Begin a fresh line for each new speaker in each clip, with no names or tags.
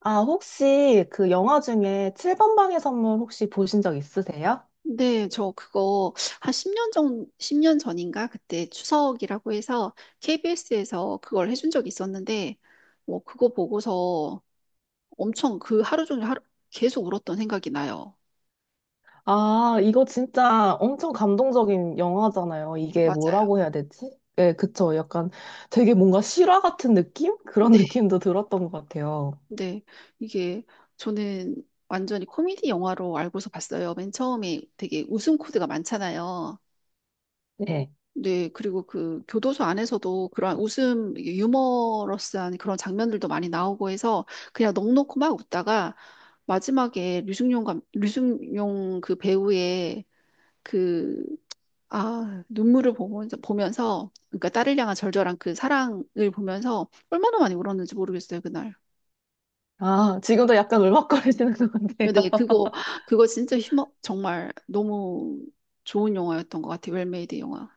아, 혹시 그 영화 중에 7번 방의 선물 혹시 보신 적 있으세요?
네, 저 그거 한 10년 전, 십 년 전인가? 그때 추석이라고 해서 KBS에서 그걸 해준 적이 있었는데, 그거 보고서 엄청 그 하루 종일 하루, 계속 울었던 생각이 나요.
아, 이거 진짜 엄청 감동적인 영화잖아요. 이게
맞아요.
뭐라고 해야 되지? 네, 그쵸. 약간 되게 뭔가 실화 같은 느낌? 그런
네,
느낌도 들었던 것 같아요.
네. 이게 저는 완전히 코미디 영화로 알고서 봤어요. 맨 처음에 되게 웃음 코드가 많잖아요.
네.
네, 그리고 그 교도소 안에서도 그러한 웃음, 유머러스한 그런 장면들도 많이 나오고 해서 그냥 넋놓고 막 웃다가 마지막에 류승용 그 배우의 그, 아, 눈물을 보면서, 그러니까 딸을 향한 절절한 그 사랑을 보면서 얼마나 많이 울었는지 모르겠어요, 그날.
아, 지금도 약간 울먹거리시는 것 같아요.
네 그거, 그거 정말 너무 좋은 영화였던 것 같아요, 웰메이드 영화.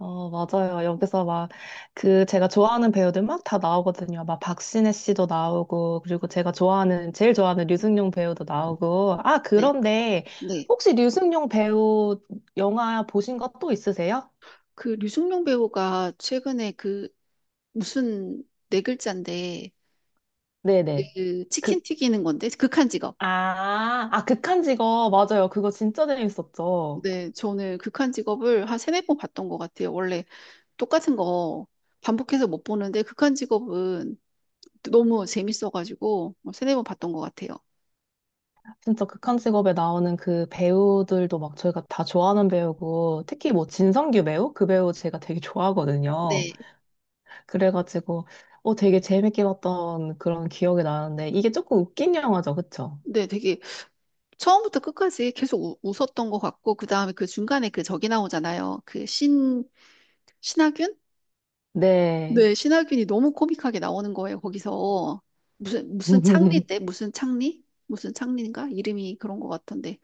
어, 맞아요. 여기서 막, 그, 제가 좋아하는 배우들 막 다 나오거든요. 막, 박신혜 씨도 나오고, 그리고 제가 좋아하는, 제일 좋아하는 류승룡 배우도 나오고. 아,
네,
그런데,
네.
혹시 류승룡 배우 영화 보신 거 또 있으세요?
그 류승룡 배우가 최근에 그 무슨 네 글자인데
네네.
그 치킨
극,
튀기는 건데 극한 직업.
아, 아, 극한 직업. 맞아요. 그거 진짜 재밌었죠.
네, 저는 극한 직업을 한 세네 번 봤던 것 같아요. 원래 똑같은 거 반복해서 못 보는데 극한 직업은 너무 재밌어가지고 뭐 세네 번 봤던 것 같아요.
진짜 극한 직업에 나오는 그 배우들도 막 저희가 다 좋아하는 배우고, 특히 뭐 진성규 배우? 그 배우 제가 되게 좋아하거든요.
네,
그래가지고 되게 재밌게 봤던 그런 기억이 나는데 이게 조금 웃긴 영화죠, 그쵸?
네, 되게 처음부터 끝까지 계속 웃었던 것 같고 그 다음에 그 중간에 그 저기 나오잖아요. 신하균?
네.
네, 신하균이 너무 코믹하게 나오는 거예요, 거기서. 무슨 창리인데? 무슨 창리? 무슨 창리인가? 이름이 그런 것 같던데.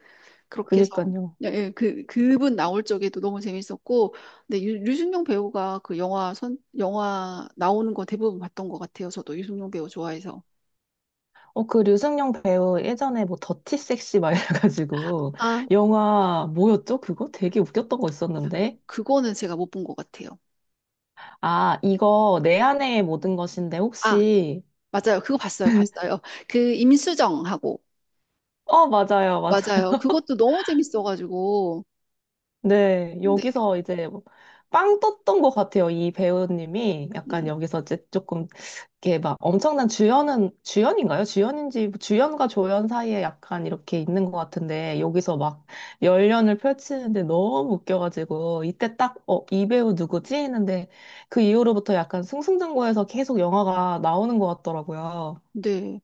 그렇게 해서,
그니까요.
예, 예, 그분 나올 적에도 너무 재밌었고, 근데 류승룡 배우가 그 영화 나오는 거 대부분 봤던 것 같아요, 저도. 유승룡 배우 좋아해서.
그 류승룡 배우 예전에 뭐 더티 섹시 막 이래가지고
아,
영화 뭐였죠? 그거 되게 웃겼던 거 있었는데.
그거는 제가 못 본 것 같아요.
아, 이거 내 안의 모든 것인데
아,
혹시
맞아요. 그거 봤어요. 그 임수정하고.
어, 맞아요. 맞아요.
맞아요. 그것도 너무 재밌어가지고.
네,
네,
여기서 이제 뭐빵 떴던 것 같아요. 이 배우님이 약간
음,
여기서 이제 조금 이렇게 막 엄청난 주연은 주연인가요? 주연인지 뭐 주연과 조연 사이에 약간 이렇게 있는 것 같은데 여기서 막 열연을 펼치는데 너무 웃겨가지고 이때 딱 어, 이 배우 누구지? 했는데 그 이후로부터 약간 승승장구해서 계속 영화가 나오는 것 같더라고요.
네.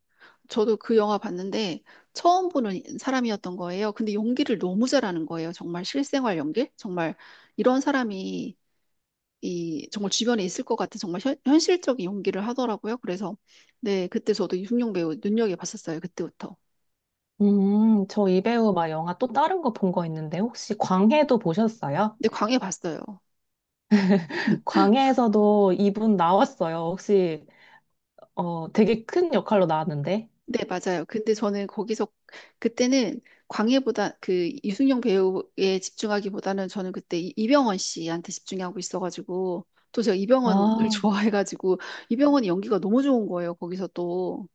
저도 그 영화 봤는데 처음 보는 사람이었던 거예요. 근데 연기를 너무 잘하는 거예요. 정말 실생활 연기? 정말 이런 사람이 이 정말 주변에 있을 것 같은 정말 실적인 연기를 하더라고요. 그래서 네, 그때 저도 이승용 배우 눈여겨 봤었어요. 그때부터.
저 이 배우 막 영화 또 다른 거 본 거 있는데 혹시 광해도 보셨어요?
근데 광해 봤어요.
광해에서도 이분 나왔어요. 혹시 되게 큰 역할로 나왔는데.
네, 맞아요. 근데 저는 거기서 그때는 광해보다 그 유승용 배우에 집중하기보다는 저는 그때 이병헌 씨한테 집중하고 있어가지고 또 제가 이병헌을 네.
아,
좋아해가지고 이병헌이 연기가 너무 좋은 거예요. 거기서 또.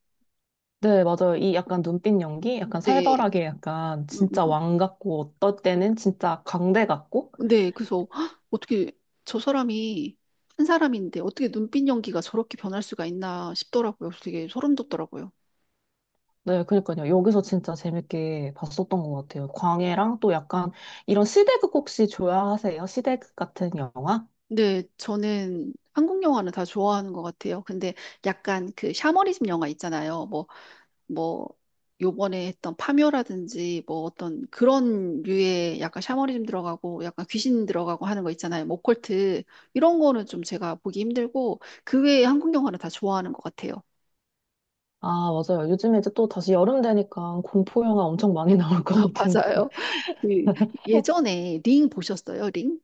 네, 맞아요. 이 약간 눈빛 연기, 약간
네.
살벌하게 약간
음,
진짜
음.
왕 같고 어떨 때는 진짜 광대 같고.
네, 그래서 헉, 어떻게 저 사람이 한 사람인데 어떻게 눈빛 연기가 저렇게 변할 수가 있나 싶더라고요. 그래서 되게 소름 돋더라고요.
네, 그러니까요. 여기서 진짜 재밌게 봤었던 것 같아요. 광해랑 또 약간 이런 시대극 혹시 좋아하세요? 시대극 같은 영화?
네, 저는 한국 영화는 다 좋아하는 것 같아요. 근데 약간 그 샤머니즘 영화 있잖아요. 뭐 요번에 했던 파묘라든지 뭐 어떤 그런 류의 약간 샤머니즘 들어가고 약간 귀신 들어가고 하는 거 있잖아요. 뭐 오컬트 이런 거는 좀 제가 보기 힘들고 그 외에 한국 영화는 다 좋아하는 것 같아요.
아, 맞아요. 요즘에 이제 또 다시 여름 되니까 공포 영화 엄청 많이 나올 것 같은데.
맞아요. 그 예전에 링 보셨어요? 링?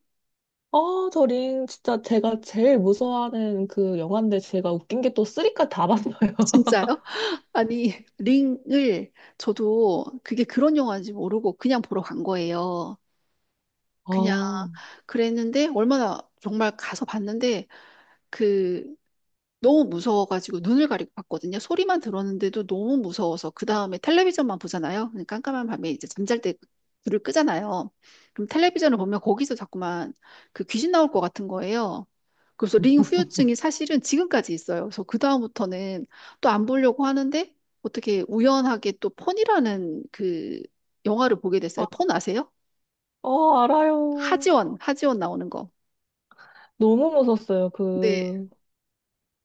아, 저링 진짜 제가 제일 무서워하는 그 영화인데 제가 웃긴 게 또 쓰리까지 다 봤어요.
진짜요? 아니 링을 저도 그게 그런 영화인지 모르고 그냥 보러 간 거예요. 그냥
아,
그랬는데 얼마나 정말 가서 봤는데 그 너무 무서워가지고 눈을 가리고 봤거든요. 소리만 들었는데도 너무 무서워서 그 다음에 텔레비전만 보잖아요. 근데 깜깜한 밤에 이제 잠잘 때 불을 끄잖아요. 그럼 텔레비전을 보면 거기서 자꾸만 그 귀신 나올 것 같은 거예요. 그래서 링
음.
후유증이 사실은 지금까지 있어요. 그래서 그 다음부터는 또 안 보려고 하는데 어떻게 우연하게 또 폰이라는 그 영화를 보게 됐어요.
아,
폰 아세요?
어, 알아요.
하지원 나오는 거.
너무 무서웠어요.
네.
그,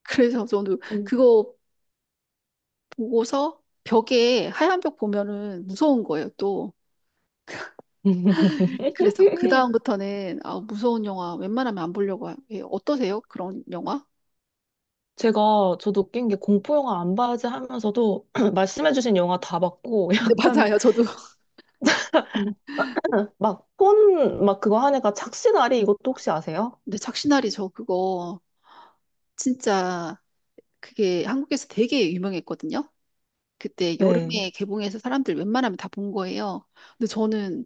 그래서 저도
그.
그거 보고서 벽에 하얀 벽 보면은 무서운 거예요, 또. 그래서 그다음부터는 아, 무서운 영화 웬만하면 안 보려고 해요. 예, 어떠세요? 그런 영화?
제가 저도 웃긴 게 공포 영화 안 봐야지 하면서도 말씀해주신 영화 다 봤고
근데
약간
맞아요, 저도. 음.
막 폰 막 그거 하니까 착시나리 이것도 혹시 아세요?
근데 착신아리 저 그거 진짜 그게 한국에서 되게 유명했거든요. 그때
네.
여름에 개봉해서 사람들 웬만하면 다 본 거예요. 근데 저는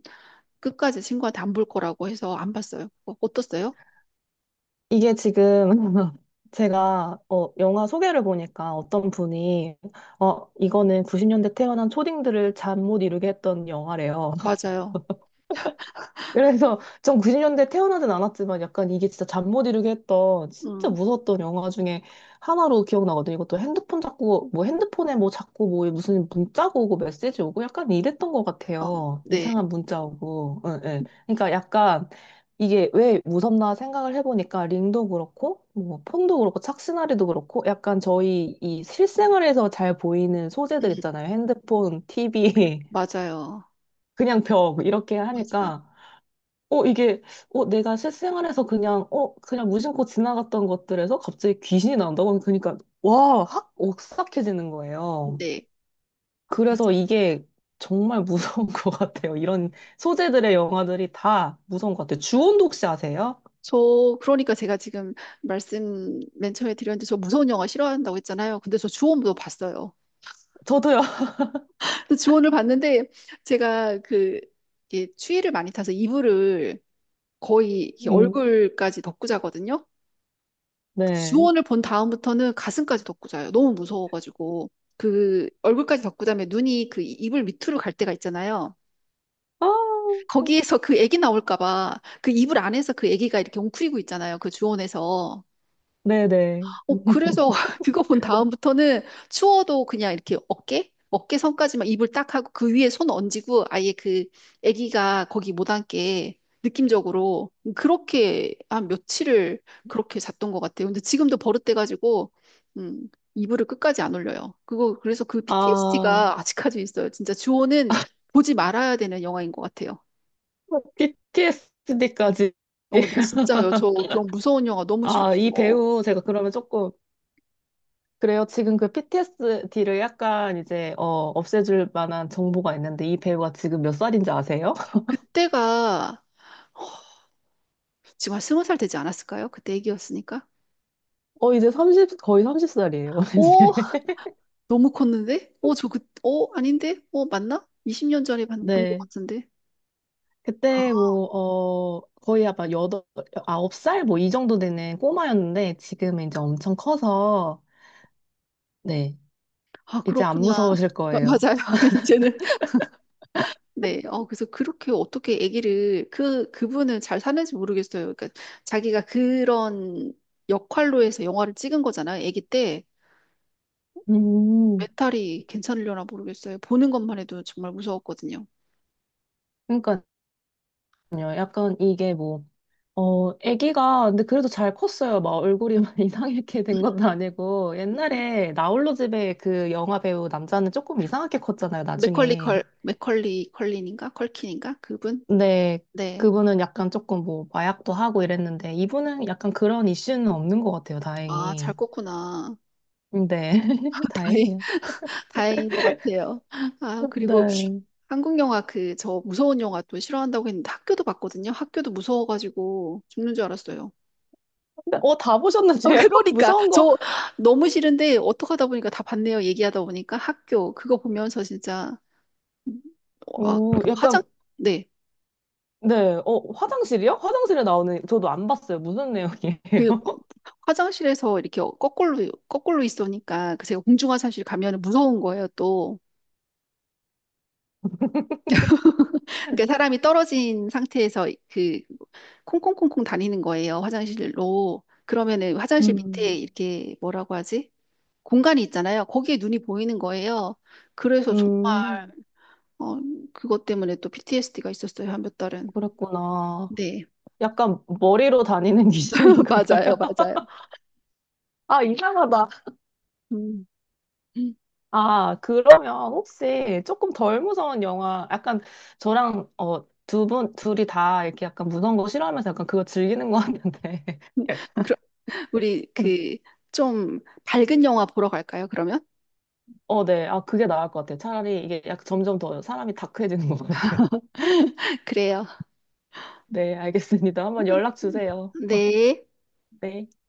끝까지 친구한테 안 볼 거라고 해서 안 봤어요. 그거 어떻어요?
이게 지금 제가 어, 영화 소개를 보니까 어떤 분이 어, 이거는 90년대 태어난 초딩들을 잠 못 이루게 했던 영화래요.
맞아요.
그래서 전 90년대 태어나진 않았지만 약간 이게 진짜 잠 못 이루게 했던 진짜
음,
무서웠던 영화 중에 하나로 기억나거든요. 이것도 핸드폰 자꾸 뭐 핸드폰에 뭐 자꾸 뭐 무슨 문자가 오고 메시지 오고 약간 이랬던 것
어,
같아요.
네,
이상한 문자 오고. 예예. 그러니까 약간 이게 왜 무섭나 생각을 해보니까 링도 그렇고 뭐 폰도 그렇고 착신아리도 그렇고 약간 저희 이 실생활에서 잘 보이는
음,
소재들 있잖아요. 핸드폰, TV,
맞아요.
그냥 벽 이렇게
맞아요.
하니까 어, 이게, 어, 내가 실생활에서 그냥, 어, 그냥 무심코 지나갔던 것들에서 갑자기 귀신이 나온다고 그러니까, 와, 확 오싹해지는 거예요.
네.
그래서 이게 정말 무서운 것 같아요. 이런 소재들의 영화들이 다 무서운 것 같아요. 주온도 혹시 아세요?
저 그러니까 제가 지금 말씀 맨 처음에 드렸는데 저 무서운 영화 싫어한다고 했잖아요. 근데 저 주원도 봤어요.
저도요.
근데 주원을 봤는데 제가 그 이게 추위를 많이 타서 이불을 거의 이렇게
음,
얼굴까지 덮고 자거든요.
네.
주원을 본 다음부터는 가슴까지 덮고 자요. 너무 무서워가지고 그 얼굴까지 덮고 자면 눈이 그 이불 밑으로 갈 때가 있잖아요.
아,
거기에서 그 애기 나올까 봐 그 이불 안에서 그 애기가 이렇게 웅크리고 있잖아요. 그 주원에서.
네네.
어, 그래서 그거 본 다음부터는 추워도 그냥 이렇게 어깨? 어깨 선까지만 이불 딱 하고 그 위에 손 얹이고 아예 그 아기가 거기 못 앉게 느낌적으로 그렇게 한 며칠을 그렇게 잤던 것 같아요. 근데 지금도 버릇돼가지고, 음, 이불을 끝까지 안 올려요. 그거, 그래서 그
아,
PTSD가 아직까지 있어요. 진짜 주호는 보지 말아야 되는 영화인 것 같아요.
뭐, b t s d 까지
어, 나 진짜요. 저 그런 무서운 영화 너무
아,
싫어서.
이 배우 제가 그러면 조금, 그래요. 지금 그 PTSD를 약간 이제 어, 없애줄 만한 정보가 있는데 이 배우가 지금 몇 살인지 아세요?
그때가 지금 한 스무 살 되지 않았을까요? 그때 애기였으니까.
이제 30 거의 30살이에요.
오,
이제.
너무 컸는데? 오, 아닌데? 오, 맞나? 20년 전에 본 것
네.
같은데. 아,
그때 뭐 거의 아마 여덟 아홉 살 뭐 이 정도 되는 꼬마였는데 지금은 이제 엄청 커서 네.
아,
이제 안
그렇구나.
무서우실
아,
거예요.
맞아요. 이제는. 네. 어, 그래서 그렇게 어떻게 아기를, 그, 그분은 잘 사는지 모르겠어요. 그러니까 자기가 그런 역할로 해서 영화를 찍은 거잖아요. 아기 때.
음.
멘탈이 괜찮으려나 모르겠어요. 보는 것만 해도 정말 무서웠거든요.
그러니까요. 약간 이게 뭐 어, 아기가 근데 그래도 잘 컸어요. 막 얼굴이 막 이상하게
음,
된 것도 아니고
음.
옛날에 나 홀로 집에 그 영화 배우 남자는 조금 이상하게 컸잖아요. 나중에.
맥컬리 컬린인가? 컬킨인가? 그분?
근데
네.
그분은 약간 조금 뭐 마약도 하고 이랬는데 이분은 약간 그런 이슈는 없는 것 같아요.
아, 잘
다행히.
껐구나.
네,
다행,
다행이에요.
다행인 것 같아요. 아, 그리고
네.
저 무서운 영화 또 싫어한다고 했는데 학교도 봤거든요. 학교도 무서워가지고 죽는 줄 알았어요.
근데 어, 다
어,
보셨는데요?
그러니까.
무서운 거.
저 너무 싫은데 어떡하다 보니까 다 봤네요. 얘기하다 보니까 학교, 그거 보면서 진짜, 음, 아,
어,
그 화장,
약간
네.
네. 어, 화장실이요? 화장실에 나오는 저도 안 봤어요. 무슨 내용이에요?
그 화장실에서 이렇게 거꾸로 있으니까 그 제가 공중화장실 가면 무서운 거예요, 또. 그러니까 사람이 떨어진 상태에서 그 콩콩콩콩 다니는 거예요, 화장실로. 그러면은 화장실 밑에
음,
이렇게 뭐라고 하지? 공간이 있잖아요. 거기에 눈이 보이는 거예요. 그래서 정말
음.
어, 그것 때문에 또 PTSD가 있었어요, 한 몇 달은.
그랬구나.
네,
약간 머리로 다니는 귀신인가 봐요.
맞아요.
아, 이상하다.
음. 음.
아, 그러면 혹시 조금 덜 무서운 영화, 약간 저랑 어, 두 분, 둘이 다 이렇게 약간 무서운 거 싫어하면서 약간 그거 즐기는 거 같는데.
그럼 우리 그 좀 밝은 영화 보러 갈까요, 그러면?
어, 네. 아, 그게 나을 것 같아요. 차라리 이게 약 점점 더 사람이 다크해지는 것 같아요.
그래요.
네, 알겠습니다. 한번 연락 주세요.
네.
네.